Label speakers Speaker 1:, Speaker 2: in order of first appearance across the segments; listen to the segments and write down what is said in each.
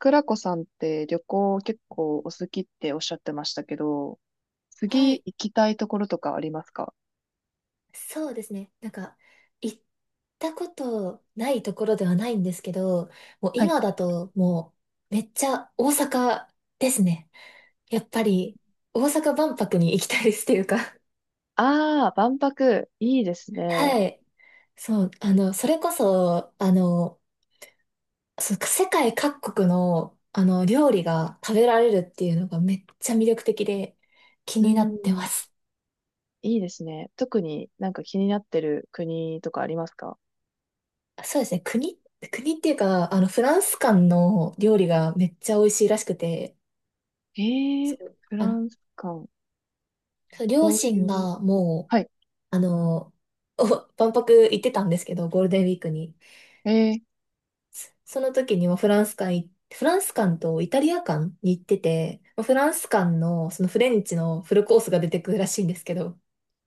Speaker 1: くらこさんって旅行結構お好きっておっしゃってましたけど、
Speaker 2: は
Speaker 1: 次
Speaker 2: い。
Speaker 1: 行きたいところとかありますか？
Speaker 2: そうですね。行ったことないところではないんですけど、もう
Speaker 1: はい。
Speaker 2: 今だともうめっちゃ大阪ですね。やっぱり大阪万博に行きたいです、というか、
Speaker 1: ああ、万博、いいですね。
Speaker 2: はい。そう、それこそ、世界各国の、料理が食べられるっていうのがめっちゃ魅力的で気
Speaker 1: う
Speaker 2: になってま
Speaker 1: ん、
Speaker 2: す。
Speaker 1: いいですね。特になんか気になってる国とかありますか？
Speaker 2: そうですね。国っていうか、フランス館の料理がめっちゃ美味しいらしくて、そう、
Speaker 1: フランス館、
Speaker 2: そう両
Speaker 1: どう
Speaker 2: 親
Speaker 1: いう、
Speaker 2: がもう、
Speaker 1: はい。
Speaker 2: あの、お万博行ってたんですけど、ゴールデンウィークに。
Speaker 1: え
Speaker 2: その時にはフランス館、フランス館とイタリア館に行ってて、まあフランス館のそのフレンチのフルコースが出てくるらしいんですけど、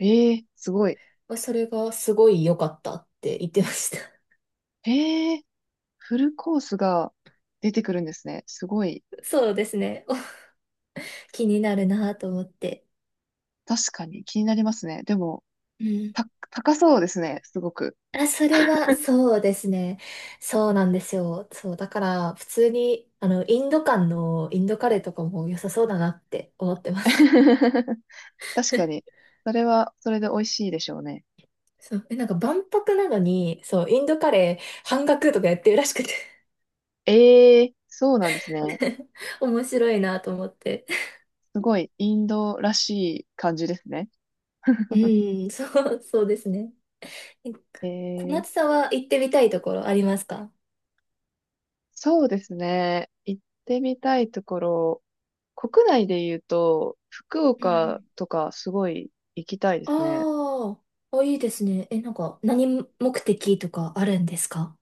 Speaker 1: ー、えー、すごい。
Speaker 2: まあそれがすごい良かったって言ってました。
Speaker 1: えー、フルコースが出てくるんですね。すごい。
Speaker 2: そうですね。気になるなと思って。
Speaker 1: 確かに気になりますね。でも、
Speaker 2: うん。
Speaker 1: 高そうですね。すごく。
Speaker 2: あ、それは、そうですね。そうなんですよ。そう、だから、普通に、インド間のインドカレーとかも良さそうだなって思ってます。
Speaker 1: 確かに。それは、それで美味しいでしょうね。
Speaker 2: そう、え、なんか万博なのに、そう、インドカレー半額とかやってるらしくて、
Speaker 1: ええ、そうなんですね。
Speaker 2: 面白いなと思って。
Speaker 1: すごい、インドらしい感じですね。
Speaker 2: うん、そうですね。え、小
Speaker 1: え
Speaker 2: 夏
Speaker 1: え、
Speaker 2: さんは行ってみたいところありますか？
Speaker 1: そうですね。行ってみたいところ、国内で言うと、福
Speaker 2: うんう
Speaker 1: 岡
Speaker 2: ん。
Speaker 1: とかすごい行きたいですね。
Speaker 2: あー、あ、いいですね。え、何目的とかあるんですか？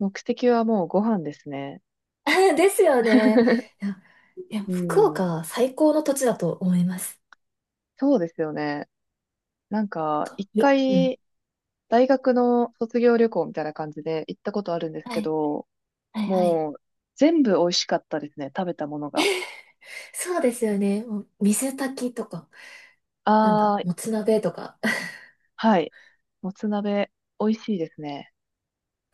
Speaker 1: 目的はもうご飯ですね。
Speaker 2: ですよね。いや、いや、
Speaker 1: う
Speaker 2: 福岡
Speaker 1: ん、
Speaker 2: は最高の土地だと思います。
Speaker 1: そうですよね。なんか、一
Speaker 2: うん。
Speaker 1: 回、大学の卒業旅行みたいな感じで行ったことあるんです
Speaker 2: は
Speaker 1: け
Speaker 2: い。
Speaker 1: ど、
Speaker 2: はいはい。
Speaker 1: もう、全部美味しかったですね。食べたものが。
Speaker 2: そうですよね。もう水炊きとか、なん
Speaker 1: あ
Speaker 2: だ、
Speaker 1: ー、
Speaker 2: もつ鍋とか。
Speaker 1: はい。もつ鍋、美味しいですね。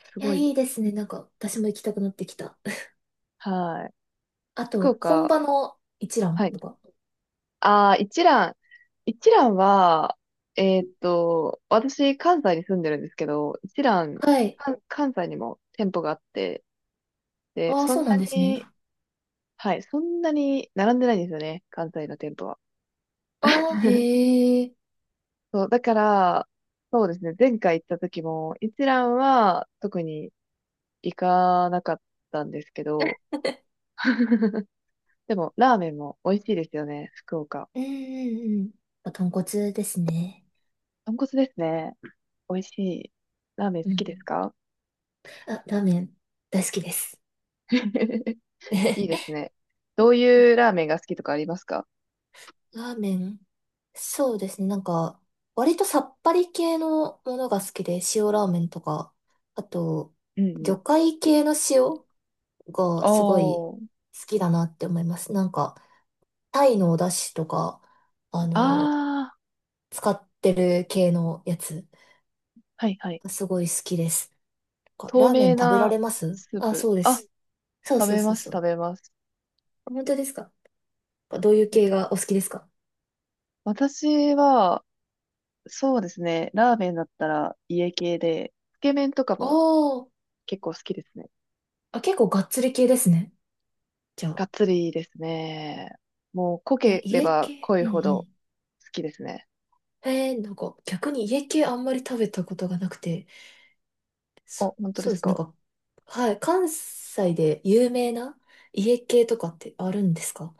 Speaker 1: す
Speaker 2: いや、
Speaker 1: ご
Speaker 2: い
Speaker 1: い。
Speaker 2: いですね。私も行きたくなってきた。
Speaker 1: はい。
Speaker 2: あ
Speaker 1: 福
Speaker 2: と、本
Speaker 1: 岡、
Speaker 2: 場の一蘭
Speaker 1: はい。
Speaker 2: とか。
Speaker 1: あー、一蘭。一蘭は、私、関西に住んでるんですけど、一蘭、
Speaker 2: はい。
Speaker 1: 関西にも店舗があって、で、
Speaker 2: ああ、
Speaker 1: そ
Speaker 2: そ
Speaker 1: ん
Speaker 2: うな
Speaker 1: な
Speaker 2: んですね。
Speaker 1: に、はい、そんなに並んでないんですよね。関西の店舗は。
Speaker 2: ああ、へえ。
Speaker 1: そう、だから、そうですね。前回行った時も、一蘭は特に行かなかったんですけど、でも、ラーメンも美味しいですよね、福岡。
Speaker 2: うんうんうん。まあ豚骨ですね。
Speaker 1: 豚骨ですね。美味しい。ラーメン
Speaker 2: う
Speaker 1: 好きです
Speaker 2: ん。
Speaker 1: か？
Speaker 2: あ、ラーメン、大好きです。
Speaker 1: いい
Speaker 2: ラ
Speaker 1: ですね。どういうラーメンが好きとかありますか？
Speaker 2: ーメン。そうですね。割とさっぱり系のものが好きで、塩ラーメンとか、あと、
Speaker 1: うんうん。
Speaker 2: 魚介系の塩がすごい
Speaker 1: おー。
Speaker 2: 好きだなって思います。タイのお出汁とか、あの、
Speaker 1: あー、
Speaker 2: 使ってる系のやつ、
Speaker 1: はいはい。
Speaker 2: すごい好きです。なんか
Speaker 1: 透
Speaker 2: ラーメン
Speaker 1: 明
Speaker 2: 食べら
Speaker 1: な
Speaker 2: れます？
Speaker 1: スー
Speaker 2: あ、
Speaker 1: プ。
Speaker 2: そうで
Speaker 1: あ、
Speaker 2: す。そう
Speaker 1: 食
Speaker 2: そう
Speaker 1: べ
Speaker 2: そう
Speaker 1: ます、
Speaker 2: そ
Speaker 1: 食
Speaker 2: う。
Speaker 1: べます。
Speaker 2: 本当ですか？どういう
Speaker 1: え
Speaker 2: 系がお好きですか？
Speaker 1: 私は、そうですね、ラーメンだったら家系で、つけ麺とか
Speaker 2: あ
Speaker 1: も
Speaker 2: ー、
Speaker 1: 結構好きですね。
Speaker 2: あ、結構がっつり系ですね、じゃ
Speaker 1: が
Speaker 2: あ。
Speaker 1: っつりですね。もう濃
Speaker 2: え、
Speaker 1: けれ
Speaker 2: 家
Speaker 1: ば
Speaker 2: 系、
Speaker 1: 濃
Speaker 2: う
Speaker 1: い
Speaker 2: んう
Speaker 1: ほど
Speaker 2: ん。
Speaker 1: 好きですね。
Speaker 2: えー、なんか逆に家系あんまり食べたことがなくて、
Speaker 1: お、本当で
Speaker 2: そう
Speaker 1: す
Speaker 2: です。なん
Speaker 1: か。
Speaker 2: か、はい、関西で有名な家系とかってあるんですか？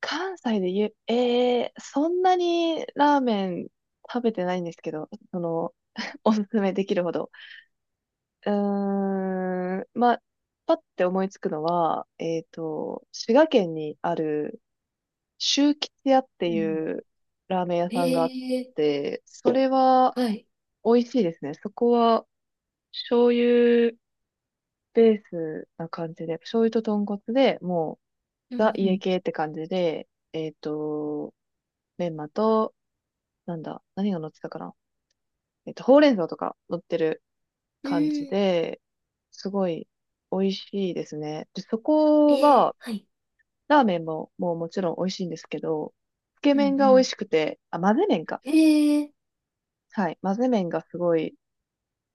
Speaker 1: 関西で言え、えー、そんなにラーメン食べてないんですけど、その、おすすめできるほど。うーん、まあ、パッて思いつくのは、滋賀県にある、周吉屋って
Speaker 2: うん。
Speaker 1: いうラーメン屋
Speaker 2: え
Speaker 1: さんがあっ
Speaker 2: ー、
Speaker 1: て、それは
Speaker 2: はい。
Speaker 1: 美味しいですね。そこは、醤油ベースな感じで、醤油と豚骨で、もう、
Speaker 2: う
Speaker 1: ザ家
Speaker 2: ん
Speaker 1: 系って感じで、えっと、メンマと、なんだ、何が乗ってたかな？ほうれん草とか乗ってる
Speaker 2: うん。う
Speaker 1: 感じ
Speaker 2: ーん、
Speaker 1: で、すごい美味しいですね。で、そ
Speaker 2: え
Speaker 1: こ
Speaker 2: ー、
Speaker 1: は、
Speaker 2: はい。
Speaker 1: ラーメンも、もうもちろん美味しいんですけど、つけ
Speaker 2: うんう
Speaker 1: 麺が美
Speaker 2: ん。
Speaker 1: 味しくて、あ、混ぜ麺か。
Speaker 2: えー、
Speaker 1: はい。混ぜ麺がすごい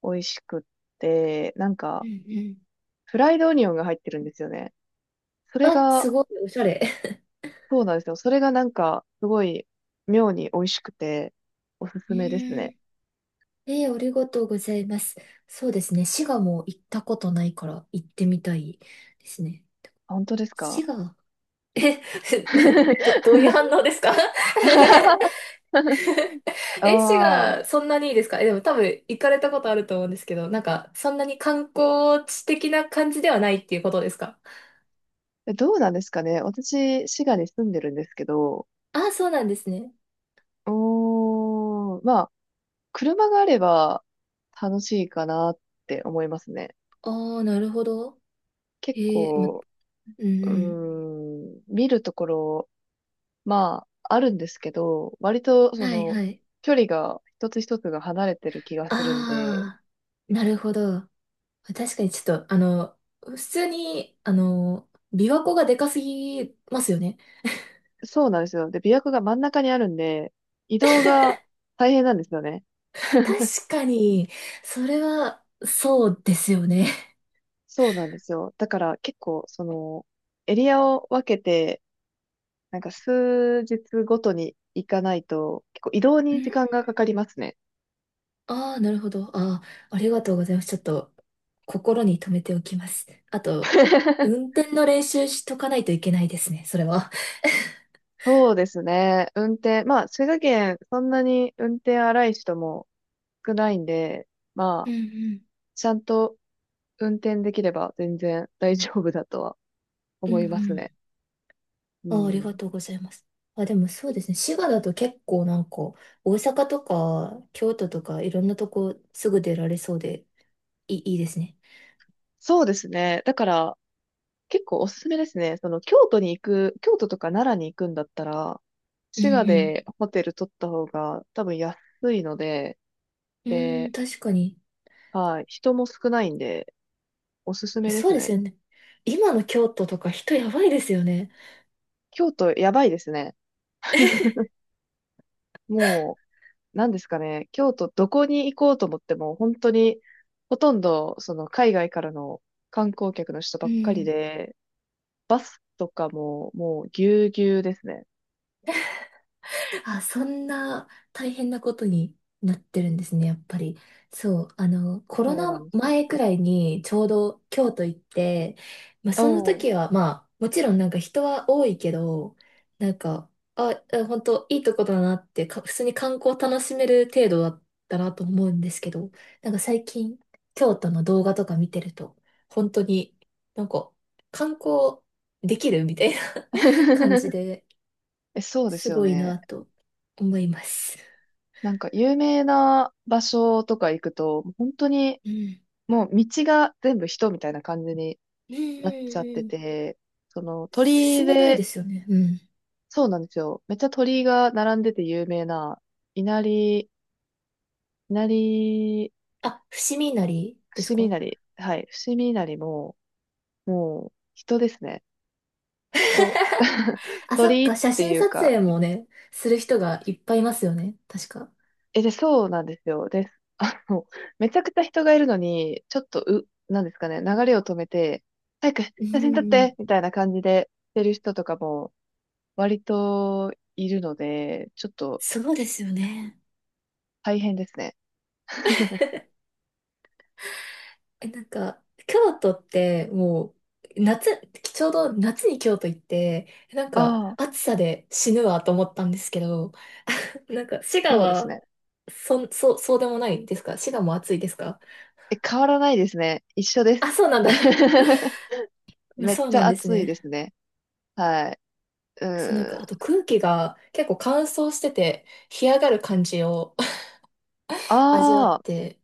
Speaker 1: 美味しくって、なん
Speaker 2: う
Speaker 1: か、
Speaker 2: んうん。
Speaker 1: フライドオニオンが入ってるんですよね。それ
Speaker 2: あ、す
Speaker 1: が、
Speaker 2: ごい、おしゃれ。
Speaker 1: そうなんですよ。それがなんか、すごい、妙に美味しくて、おすす
Speaker 2: う
Speaker 1: めです
Speaker 2: ー
Speaker 1: ね。
Speaker 2: ん。えー、ありがとうございます。そうですね。滋賀も行ったことないから行ってみたいですね。
Speaker 1: 本当です
Speaker 2: 滋
Speaker 1: か？
Speaker 2: 賀、え、どういう反応ですか？ 絵師
Speaker 1: ああ、
Speaker 2: がそんなにいいですか？え、でも多分行かれたことあると思うんですけど、なんかそんなに観光地的な感じではないっていうことですか？
Speaker 1: どうなんですかね。私、滋賀に住んでるんですけど、
Speaker 2: ああ、そうなんですね。
Speaker 1: うーん、まあ、車があれば楽しいかなって思いますね。
Speaker 2: ああ、なるほど。
Speaker 1: 結
Speaker 2: へえ、ま、
Speaker 1: 構、
Speaker 2: うん
Speaker 1: う
Speaker 2: うん。
Speaker 1: ーん、見るところ、まあ、あるんですけど、割と、そ
Speaker 2: はい
Speaker 1: の、
Speaker 2: はい。
Speaker 1: 距離が一つ一つが離れてる気がするんで、
Speaker 2: ああ、なるほど。確かにちょっと、普通に、琵琶湖がでかすぎますよね。
Speaker 1: そうなんですよ。で、琵琶湖が真ん中にあるんで、移動が大変なんですよね。
Speaker 2: 確かに、それは、そうですよね。
Speaker 1: そうなんですよ。だから結構、その、エリアを分けて、なんか数日ごとに行かないと、結構移動
Speaker 2: う
Speaker 1: に時
Speaker 2: ん。
Speaker 1: 間がかかりますね。
Speaker 2: ああ、なるほど。ああ、ありがとうございます。ちょっと心に留めておきます。あと、運転の練習しとかないといけないですね、それは。
Speaker 1: そうですね。運転。まあ、滋賀県、そんなに運転荒い人も少ないんで、ま
Speaker 2: うん
Speaker 1: あ、
Speaker 2: う
Speaker 1: ちゃんと運転できれば全然大丈夫だとは
Speaker 2: んう
Speaker 1: 思
Speaker 2: んう
Speaker 1: いますね。
Speaker 2: ん。
Speaker 1: う
Speaker 2: ああ、ありが
Speaker 1: ん。
Speaker 2: とうございます。あ、でもそうですね。滋賀だと結構なんか、大阪とか京都とかいろんなとこすぐ出られそうで、いいですね。
Speaker 1: そうですね。だから、結構おすすめですね。その、京都とか奈良に行くんだったら、
Speaker 2: う
Speaker 1: 滋賀
Speaker 2: ん
Speaker 1: でホテル取った方が多分安いので、
Speaker 2: うん。うん、
Speaker 1: で、
Speaker 2: 確かに。
Speaker 1: はい、人も少ないんで、おすすめで
Speaker 2: そ
Speaker 1: す
Speaker 2: うです
Speaker 1: ね。
Speaker 2: よね。今の京都とか人やばいですよね。
Speaker 1: 京都やばいですね。もう、なんですかね、京都どこに行こうと思っても、本当に、ほとんど、その、海外からの観光客の人
Speaker 2: う
Speaker 1: ばっかり
Speaker 2: ん。
Speaker 1: で、とかも、もう、ぎゅうぎゅうですね。
Speaker 2: あ、そんな大変なことになってるんですね、やっぱり。そう、コロ
Speaker 1: そうなん
Speaker 2: ナ
Speaker 1: です。
Speaker 2: 前くらいにちょうど京都行って、まあ、その
Speaker 1: お
Speaker 2: 時
Speaker 1: ー。
Speaker 2: は、まあ、もちろんなんか人は多いけど、なんか、あ、本当いいとこだなってか、普通に観光楽しめる程度だったなと思うんですけど、なんか最近、京都の動画とか見てると、本当になんか、観光できるみたいな 感じ で、
Speaker 1: え、そうで
Speaker 2: す
Speaker 1: すよ
Speaker 2: ごい
Speaker 1: ね。
Speaker 2: なと思います。
Speaker 1: なんか有名な場所とか行くと、本当に
Speaker 2: うん。
Speaker 1: もう道が全部人みたいな感じに
Speaker 2: うんう
Speaker 1: なっちゃって
Speaker 2: んうん。
Speaker 1: て、その鳥居
Speaker 2: 進めないで
Speaker 1: で、
Speaker 2: すよね。うん。
Speaker 1: そうなんですよ。めっちゃ鳥居が並んでて有名な、稲荷、稲荷、
Speaker 2: あ、伏見稲荷です
Speaker 1: 伏見
Speaker 2: か？
Speaker 1: 稲 荷、はい、伏見稲荷も、もう人ですね。人。
Speaker 2: あ、そっ
Speaker 1: 鳥居っ
Speaker 2: か、写
Speaker 1: て
Speaker 2: 真
Speaker 1: いう
Speaker 2: 撮
Speaker 1: か、
Speaker 2: 影もね、する人がいっぱいいますよね、確か。
Speaker 1: で、そうなんですよ。です。あの、めちゃくちゃ人がいるのに、ちょっと、なんですかね、流れを止めて、早く写
Speaker 2: うん
Speaker 1: 真撮っ
Speaker 2: う
Speaker 1: て
Speaker 2: ん。
Speaker 1: みたいな感じでしてる人とかも、割といるので、ちょっと
Speaker 2: そうですよね。
Speaker 1: 大変ですね。
Speaker 2: え、なんか、京都ってもう、夏、ちょうど夏に京都行って、なん
Speaker 1: あ
Speaker 2: か、
Speaker 1: あ、
Speaker 2: 暑さで死ぬわと思ったんですけど、なんか、滋賀
Speaker 1: そうです
Speaker 2: は、
Speaker 1: ね。
Speaker 2: そうでもないですか？滋賀も暑いですか？
Speaker 1: え、変わらないですね。一緒です。
Speaker 2: あ、そうなんだ。
Speaker 1: めっ
Speaker 2: そう
Speaker 1: ち
Speaker 2: な
Speaker 1: ゃ
Speaker 2: んです
Speaker 1: 暑いで
Speaker 2: ね。
Speaker 1: すね。はい。う
Speaker 2: そう、なん
Speaker 1: ん。
Speaker 2: か、あと空気が結構乾燥してて、干上がる感じを 味わっ
Speaker 1: ああ、
Speaker 2: て、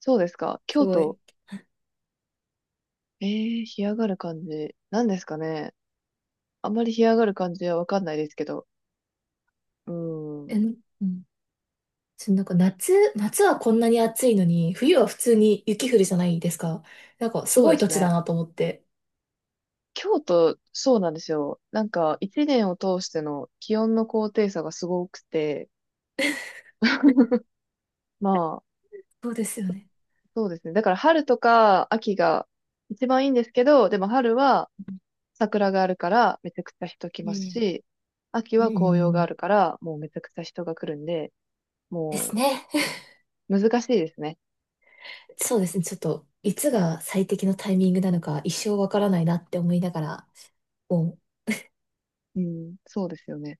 Speaker 1: そうですか。
Speaker 2: す
Speaker 1: 京
Speaker 2: ごい。
Speaker 1: 都。ええー、干上がる感じ。なんですかね。あんまり干上がる感じはわかんないですけど。う
Speaker 2: え、う
Speaker 1: ん。
Speaker 2: ん。そうなんか夏はこんなに暑いのに、冬は普通に雪降るじゃないですか。なんか、す
Speaker 1: そう
Speaker 2: ご
Speaker 1: で
Speaker 2: い土
Speaker 1: す
Speaker 2: 地
Speaker 1: ね。
Speaker 2: だなと思って。
Speaker 1: 京都、そうなんですよ。なんか、一年を通しての気温の高低差がすごくて、まあ、
Speaker 2: そうですよね。
Speaker 1: そうですね。だから春とか秋が一番いいんですけど、でも春は桜があるからめちゃくちゃ人来
Speaker 2: う
Speaker 1: ます
Speaker 2: ん。
Speaker 1: し、秋
Speaker 2: う
Speaker 1: は紅葉があ
Speaker 2: ん。
Speaker 1: るからもうめちゃくちゃ人が来るんで、
Speaker 2: です
Speaker 1: も
Speaker 2: ね。
Speaker 1: う難しいですね。
Speaker 2: そうですね。ちょっと、いつが最適のタイミングなのか、一生わからないなって思いながら、もう
Speaker 1: うん、そうですよね。